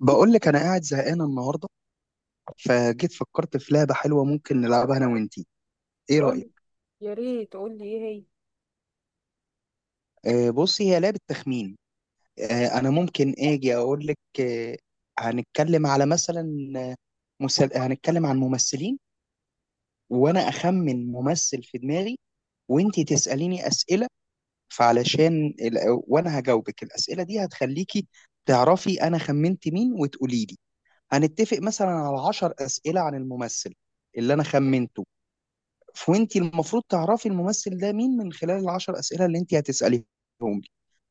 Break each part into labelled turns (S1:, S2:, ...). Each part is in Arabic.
S1: بقول لك انا قاعد زهقان النهارده، فجيت فكرت في لعبه حلوه ممكن نلعبها انا وانتي. ايه رايك؟
S2: قول. يا ريت قول لي ايه هي؟
S1: آه بصي، هي لعبه تخمين. انا ممكن اجي اقول لك. آه هنتكلم على مثلا آه، مسل... هنتكلم عن ممثلين، وانا اخمن ممثل في دماغي، وانتي تساليني اسئله. فعلشان ال... وانا هجاوبك الاسئله دي، هتخليكي تعرفي انا خمنت مين وتقولي لي. هنتفق مثلا على 10 اسئله عن الممثل اللي انا خمنته، فوانت المفروض تعرفي الممثل ده مين من خلال العشر اسئله اللي انت هتساليهم لي.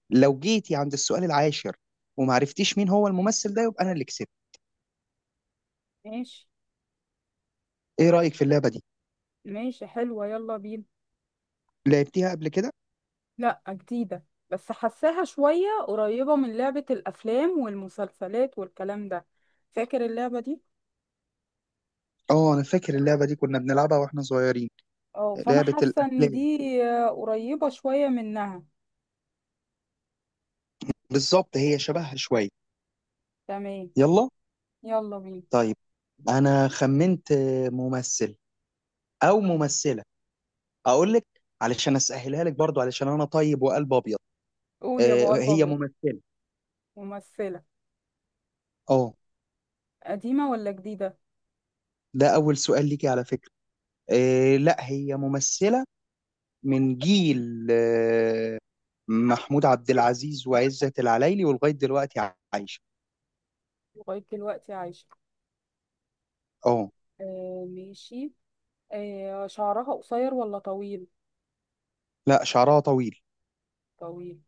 S1: لو جيتي عند السؤال العاشر وما عرفتيش مين هو الممثل ده، يبقى انا اللي كسبت.
S2: ماشي،
S1: ايه رايك في اللعبه دي؟
S2: ماشي، حلوة. يلا بينا.
S1: لعبتيها قبل كده؟
S2: لا، جديدة بس حساها شوية قريبة من لعبة الأفلام والمسلسلات والكلام ده. فاكر اللعبة دي؟
S1: اه، انا فاكر اللعبه دي كنا بنلعبها واحنا صغيرين.
S2: اه، فأنا
S1: لعبه
S2: حاسة إن
S1: الافلام.
S2: دي. آه، قريبة شوية منها.
S1: بالظبط، هي شبهها شويه.
S2: تمام.
S1: يلا.
S2: يلا بينا.
S1: طيب، انا خمنت ممثل او ممثله، اقول لك. علشان اسهلها لك برضو، علشان انا طيب وقلب ابيض.
S2: قول، يا
S1: آه،
S2: أبو قلب
S1: هي
S2: أبيض.
S1: ممثله.
S2: ممثلة.
S1: اه.
S2: قديمة ولا جديدة؟
S1: ده اول سؤال ليكي على فكره. لا هي ممثلة، من جيل محمود عبد العزيز وعزت العلايلي، ولغاية دلوقتي عايشة.
S2: لغاية دلوقتي عايشة.
S1: اه.
S2: آه، ماشي. آه، شعرها قصير ولا طويل؟
S1: لا شعرها طويل،
S2: طويل.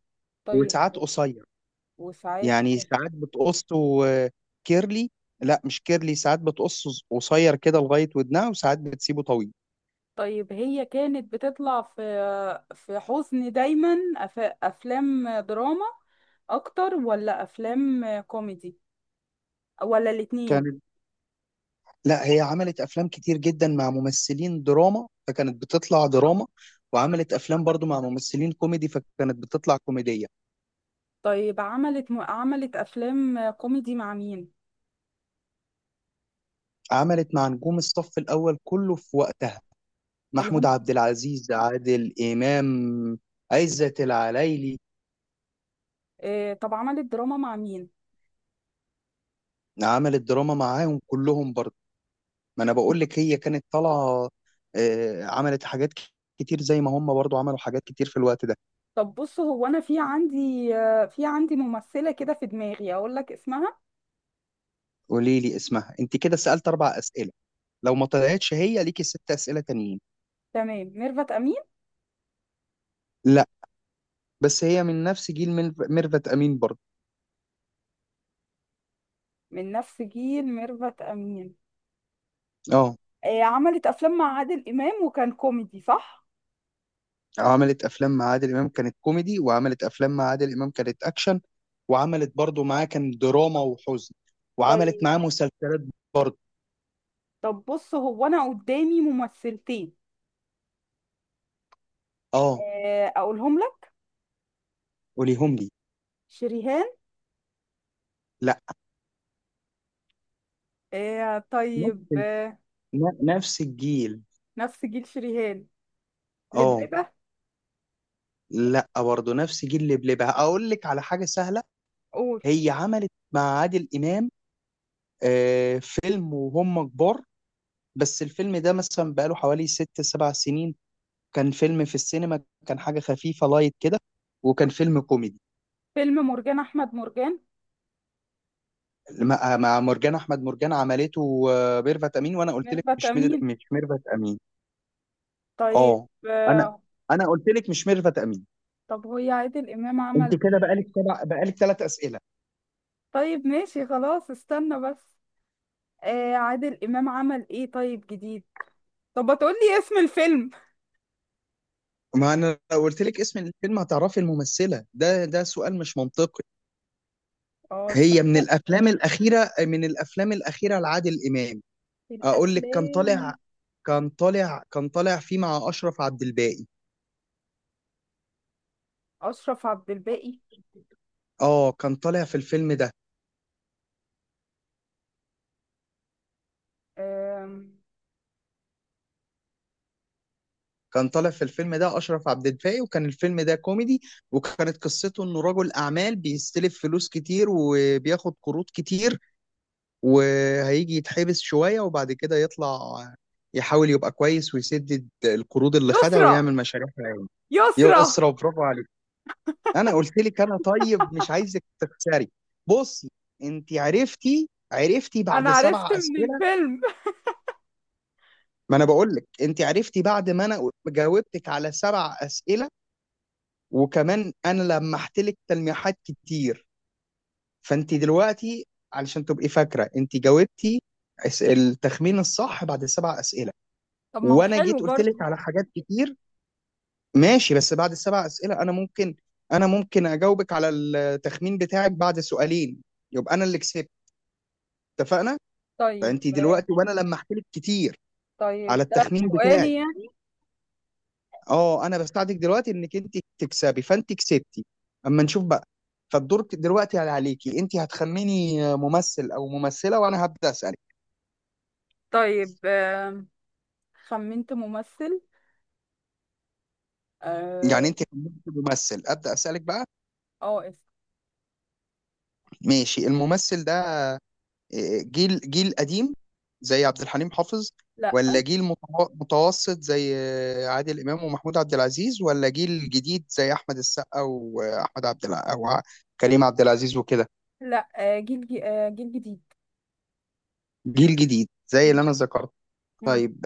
S2: طيب.
S1: وساعات قصير.
S2: وساعات.
S1: يعني ساعات بتقصه كيرلي. لا مش كيرلي، ساعات بتقصه قصير كده لغاية ودنها، وساعات بتسيبه طويل.
S2: طيب، هي كانت بتطلع في حزن دايما، افلام دراما اكتر ولا افلام كوميدي ولا الاتنين؟
S1: كانت... لا هي عملت أفلام كتير جدا مع ممثلين دراما فكانت بتطلع دراما، وعملت أفلام برضو مع ممثلين كوميدي فكانت بتطلع كوميدية.
S2: طيب، عملت افلام كوميدي مع مين؟
S1: عملت مع نجوم الصف الأول كله في وقتها:
S2: اللي
S1: محمود
S2: هم.
S1: عبد العزيز، عادل إمام، عزت العلايلي.
S2: آه، طب عملت دراما مع مين؟
S1: عملت دراما معاهم كلهم برضه. ما أنا بقول لك هي كانت طالعة. عملت حاجات كتير، زي ما هم برضه عملوا حاجات كتير في الوقت ده.
S2: طب بص، هو انا في عندي ممثلة كده في دماغي، اقول لك اسمها.
S1: قولي لي اسمها. انت كده سألت اربع أسئلة، لو ما طلعتش هي ليكي ست أسئلة تانيين.
S2: تمام. ميرفت امين.
S1: لا، بس هي من نفس جيل ميرفت أمين برضه.
S2: من نفس جيل ميرفت امين.
S1: اه،
S2: آه، عملت افلام مع عادل امام وكان كوميدي، صح؟
S1: عملت افلام مع عادل امام كانت كوميدي، وعملت افلام مع عادل امام كانت اكشن، وعملت برضو معاه كان دراما وحزن، وعملت
S2: طيب.
S1: معاه مسلسلات برضو.
S2: طب بص، هو انا قدامي ممثلتين.
S1: اه،
S2: آه، اقولهم لك.
S1: قوليهم لي.
S2: شريهان.
S1: لا،
S2: آه، طيب.
S1: نفس نفس الجيل.
S2: نفس جيل شريهان.
S1: اه.
S2: لبلبة.
S1: لا، برضو نفس جيل لبلبها. اقول لك على حاجه سهله:
S2: قول.
S1: هي عملت مع عادل امام فيلم وهم كبار. بس الفيلم ده مثلا بقاله حوالي ست سبع سنين. كان فيلم في السينما، كان حاجه خفيفه لايت كده، وكان فيلم كوميدي.
S2: فيلم مرجان احمد مرجان.
S1: مع مرجان احمد مرجان عملته ميرفت امين، وانا قلت لك
S2: ميرفت امين.
S1: مش ميرفت امين.
S2: طيب.
S1: اه. انا انا قلت لك مش ميرفت امين.
S2: طب هو عادل امام
S1: انت
S2: عمل
S1: كده
S2: ايه؟
S1: بقالك سبع، بقالك ثلاث اسئله.
S2: طيب، ماشي، خلاص، استنى بس. آه، عادل امام عمل ايه طيب جديد؟ طب هتقولي اسم الفيلم؟
S1: ما انا لو قلت لك اسم الفيلم هتعرفي الممثله، ده ده سؤال مش منطقي.
S2: اه،
S1: هي من
S2: تصدق.
S1: الافلام الاخيره، من الافلام الاخيره لعادل امام. اقول لك، كان
S2: الافلام.
S1: طالع كان طالع كان طالع فيه مع اشرف عبد الباقي.
S2: اشرف عبد الباقي.
S1: اه،
S2: آم،
S1: كان طالع في الفيلم ده أشرف عبد الباقي، وكان الفيلم ده كوميدي، وكانت قصته إنه رجل أعمال بيستلف فلوس كتير وبياخد قروض كتير، وهيجي يتحبس شوية وبعد كده يطلع يحاول يبقى كويس ويسدد القروض اللي خدها
S2: يسرى.
S1: ويعمل مشاريع خيرية.
S2: يسرى.
S1: يسرا، برافو عليك. أنا قلت لك أنا طيب، مش عايزك تخسري. بصي، أنت عرفتي
S2: انا
S1: بعد
S2: عرفت
S1: سبع
S2: من
S1: أسئلة.
S2: الفيلم.
S1: ما أنا بقول لك أنت عرفتي بعد ما أنا جاوبتك على سبع أسئلة، وكمان انا لمحت لك تلميحات كتير. فانت دلوقتي، علشان تبقي فاكره، انت جاوبتي التخمين الصح بعد السبع اسئله.
S2: طب ما هو
S1: وانا جيت
S2: حلو
S1: قلت
S2: برضه.
S1: لك على حاجات كتير. ماشي، بس بعد السبع اسئله، انا ممكن اجاوبك على التخمين بتاعك بعد سؤالين، يبقى انا اللي كسبت. اتفقنا؟
S2: طيب.
S1: فانت دلوقتي وانا لمحت لك كتير
S2: طيب
S1: على
S2: ده
S1: التخمين بتاعي.
S2: سؤالي يعني.
S1: اه، انا بساعدك دلوقتي انك انت تكسبي، فانت كسبتي. اما نشوف بقى. فالدور دلوقتي عليكي انت، هتخميني ممثل او ممثله وانا هبدا اسالك.
S2: طيب. خمنت ممثل. اه.
S1: يعني انت خمنتي ممثل، ابدا اسالك بقى.
S2: آه، اسم.
S1: ماشي، الممثل ده جيل قديم زي عبد الحليم حافظ،
S2: لا،
S1: ولا جيل متوسط زي عادل امام ومحمود عبد العزيز، ولا جيل جديد زي احمد السقا واحمد عبد الع... او ع- كريم عبد العزيز وكده؟
S2: لا، آه، جيل جيل جديد.
S1: جيل جديد زي
S2: مم.
S1: اللي انا ذكرت.
S2: مم.
S1: طيب،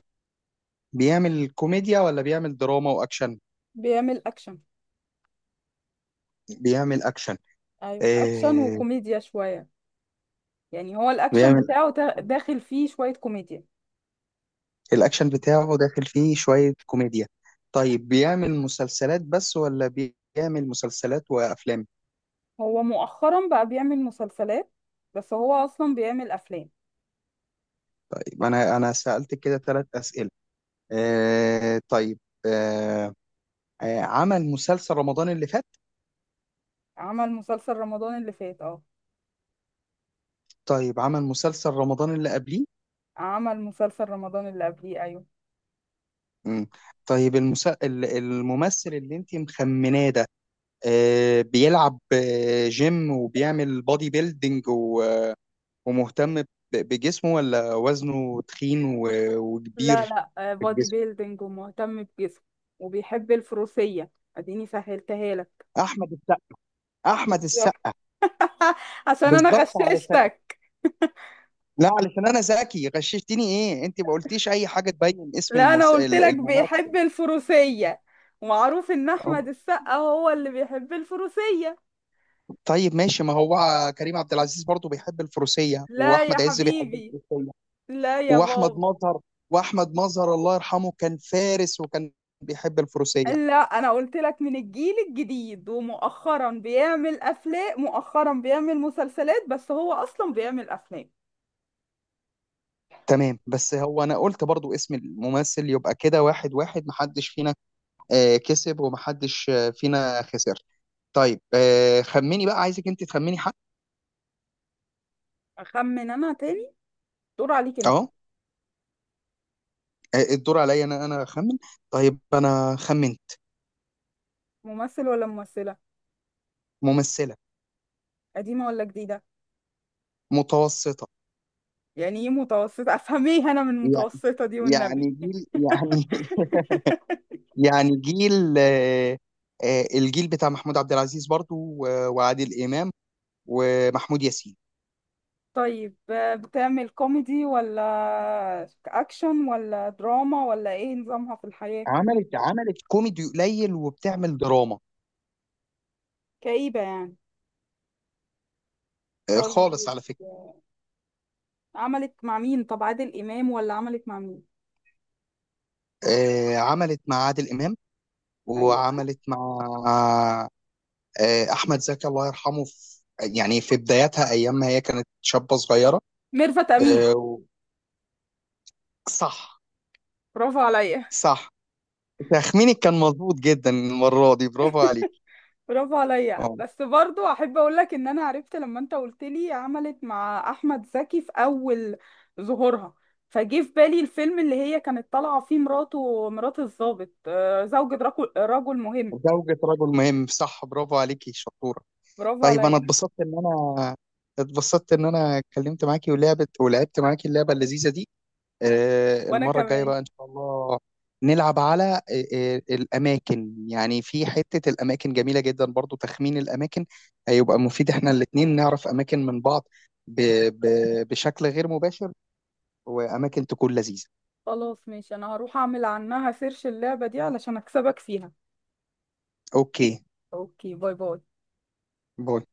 S1: بيعمل كوميديا ولا بيعمل دراما واكشن؟
S2: بيعمل اكشن.
S1: بيعمل اكشن.
S2: ايوه، اكشن
S1: آه.
S2: وكوميديا شوية. يعني هو الاكشن
S1: بيعمل...
S2: بتاعه داخل فيه شوية كوميديا.
S1: الاكشن بتاعه داخل فيه شوية كوميديا. طيب، بيعمل مسلسلات بس ولا بيعمل مسلسلات وافلام؟
S2: هو مؤخرا بقى بيعمل مسلسلات، بس هو اصلا بيعمل افلام.
S1: طيب، انا سألت كده ثلاث أسئلة. آه طيب. آه. عمل مسلسل رمضان اللي فات.
S2: عمل مسلسل رمضان اللي فات، اه.
S1: طيب عمل مسلسل رمضان اللي قبليه.
S2: عمل مسلسل رمضان اللي قبليه، ايوه.
S1: مم. طيب، الممثل اللي انت مخمناه ده بيلعب جيم وبيعمل بودي بيلدينج، ومهتم بجسمه، ولا وزنه تخين
S2: لا،
S1: وكبير
S2: لا،
S1: في
S2: بودي
S1: الجسم؟
S2: بيلدينج ومهتم بجسمه. وبيحب الفروسية. اديني سهلتها لك.
S1: احمد السقا. احمد
S2: بالظبط.
S1: السقا.
S2: عشان انا
S1: بالظبط، علشان...
S2: غششتك.
S1: لا، علشان انا ذكي، غششتني ايه؟ انت ما قلتيش اي حاجه تبين اسم
S2: لا، انا قلت لك
S1: الممثل.
S2: بيحب الفروسية، ومعروف ان احمد السقا هو اللي بيحب الفروسية.
S1: طيب ماشي، ما هو كريم عبد العزيز برضه بيحب الفروسيه،
S2: لا يا
S1: واحمد عز بيحب
S2: حبيبي.
S1: الفروسيه،
S2: لا يا
S1: واحمد
S2: بابا.
S1: مظهر. واحمد مظهر الله يرحمه كان فارس، وكان بيحب الفروسيه.
S2: لا، انا قلت لك من الجيل الجديد، ومؤخرا بيعمل افلام، مؤخرا بيعمل مسلسلات بس هو اصلا بيعمل افلام.
S1: تمام، بس هو انا قلت برضو اسم الممثل، يبقى كده واحد واحد، محدش فينا كسب ومحدش فينا خسر. طيب، خمني بقى، عايزك انت تخمني حد.
S2: اخمن انا تاني. دور عليك انت.
S1: اهو. الدور عليا انا، انا اخمن. طيب انا خمنت.
S2: ممثل ولا ممثلة؟
S1: ممثلة.
S2: قديمة ولا جديدة؟
S1: متوسطة.
S2: يعني ايه متوسطة، افهميه انا من
S1: يع-
S2: متوسطة دي
S1: يعني
S2: والنبي.
S1: جيل يعني يعني جيل الجيل بتاع محمود عبد العزيز برضو، وعادل امام ومحمود ياسين.
S2: طيب، بتعمل كوميدي ولا اكشن ولا دراما ولا ايه نظامها في الحياة؟
S1: عملت كوميدي قليل، وبتعمل دراما.
S2: كئيبة يعني.
S1: خالص
S2: طيب.
S1: على فكرة.
S2: عملت مع مين؟ طب عادل امام ولا عملت مع مين؟
S1: عملت مع عادل إمام،
S2: ايوه.
S1: وعملت مع أحمد زكي الله يرحمه في... يعني في بداياتها، أيام ما هي كانت شابة صغيرة.
S2: ميرفت امين.
S1: آه، و- صح.
S2: برافو عليا.
S1: صح. تخمينك كان مظبوط جدا المرة دي، برافو عليك.
S2: برافو عليا،
S1: اه،
S2: بس برضو احب اقول لك ان انا عرفت لما انت قلت لي عملت مع احمد زكي في اول ظهورها. فجه في بالي الفيلم اللي هي كانت طالعه فيه مراته مرات الضابط، زوجة رجل مهم.
S1: زوجة رجل مهم، صح، برافو عليكي شطورة.
S2: برافو
S1: طيب، أنا
S2: عليا.
S1: اتبسطت إن أنا اتكلمت معاكي، ولعبت معاكي اللعبة اللذيذة دي.
S2: وانا
S1: المرة الجاية
S2: كمان.
S1: بقى إن شاء الله نلعب على الأماكن. يعني في حتة الأماكن جميلة جدا، برضو تخمين الأماكن هيبقى مفيد، إحنا الاتنين نعرف أماكن من بعض ب- بشكل غير مباشر، وأماكن تكون لذيذة.
S2: خلاص ماشي، انا هروح اعمل عنها سيرش اللعبه دي علشان اكسبك فيها.
S1: أوكي.
S2: اوكي، باي باي.
S1: باي.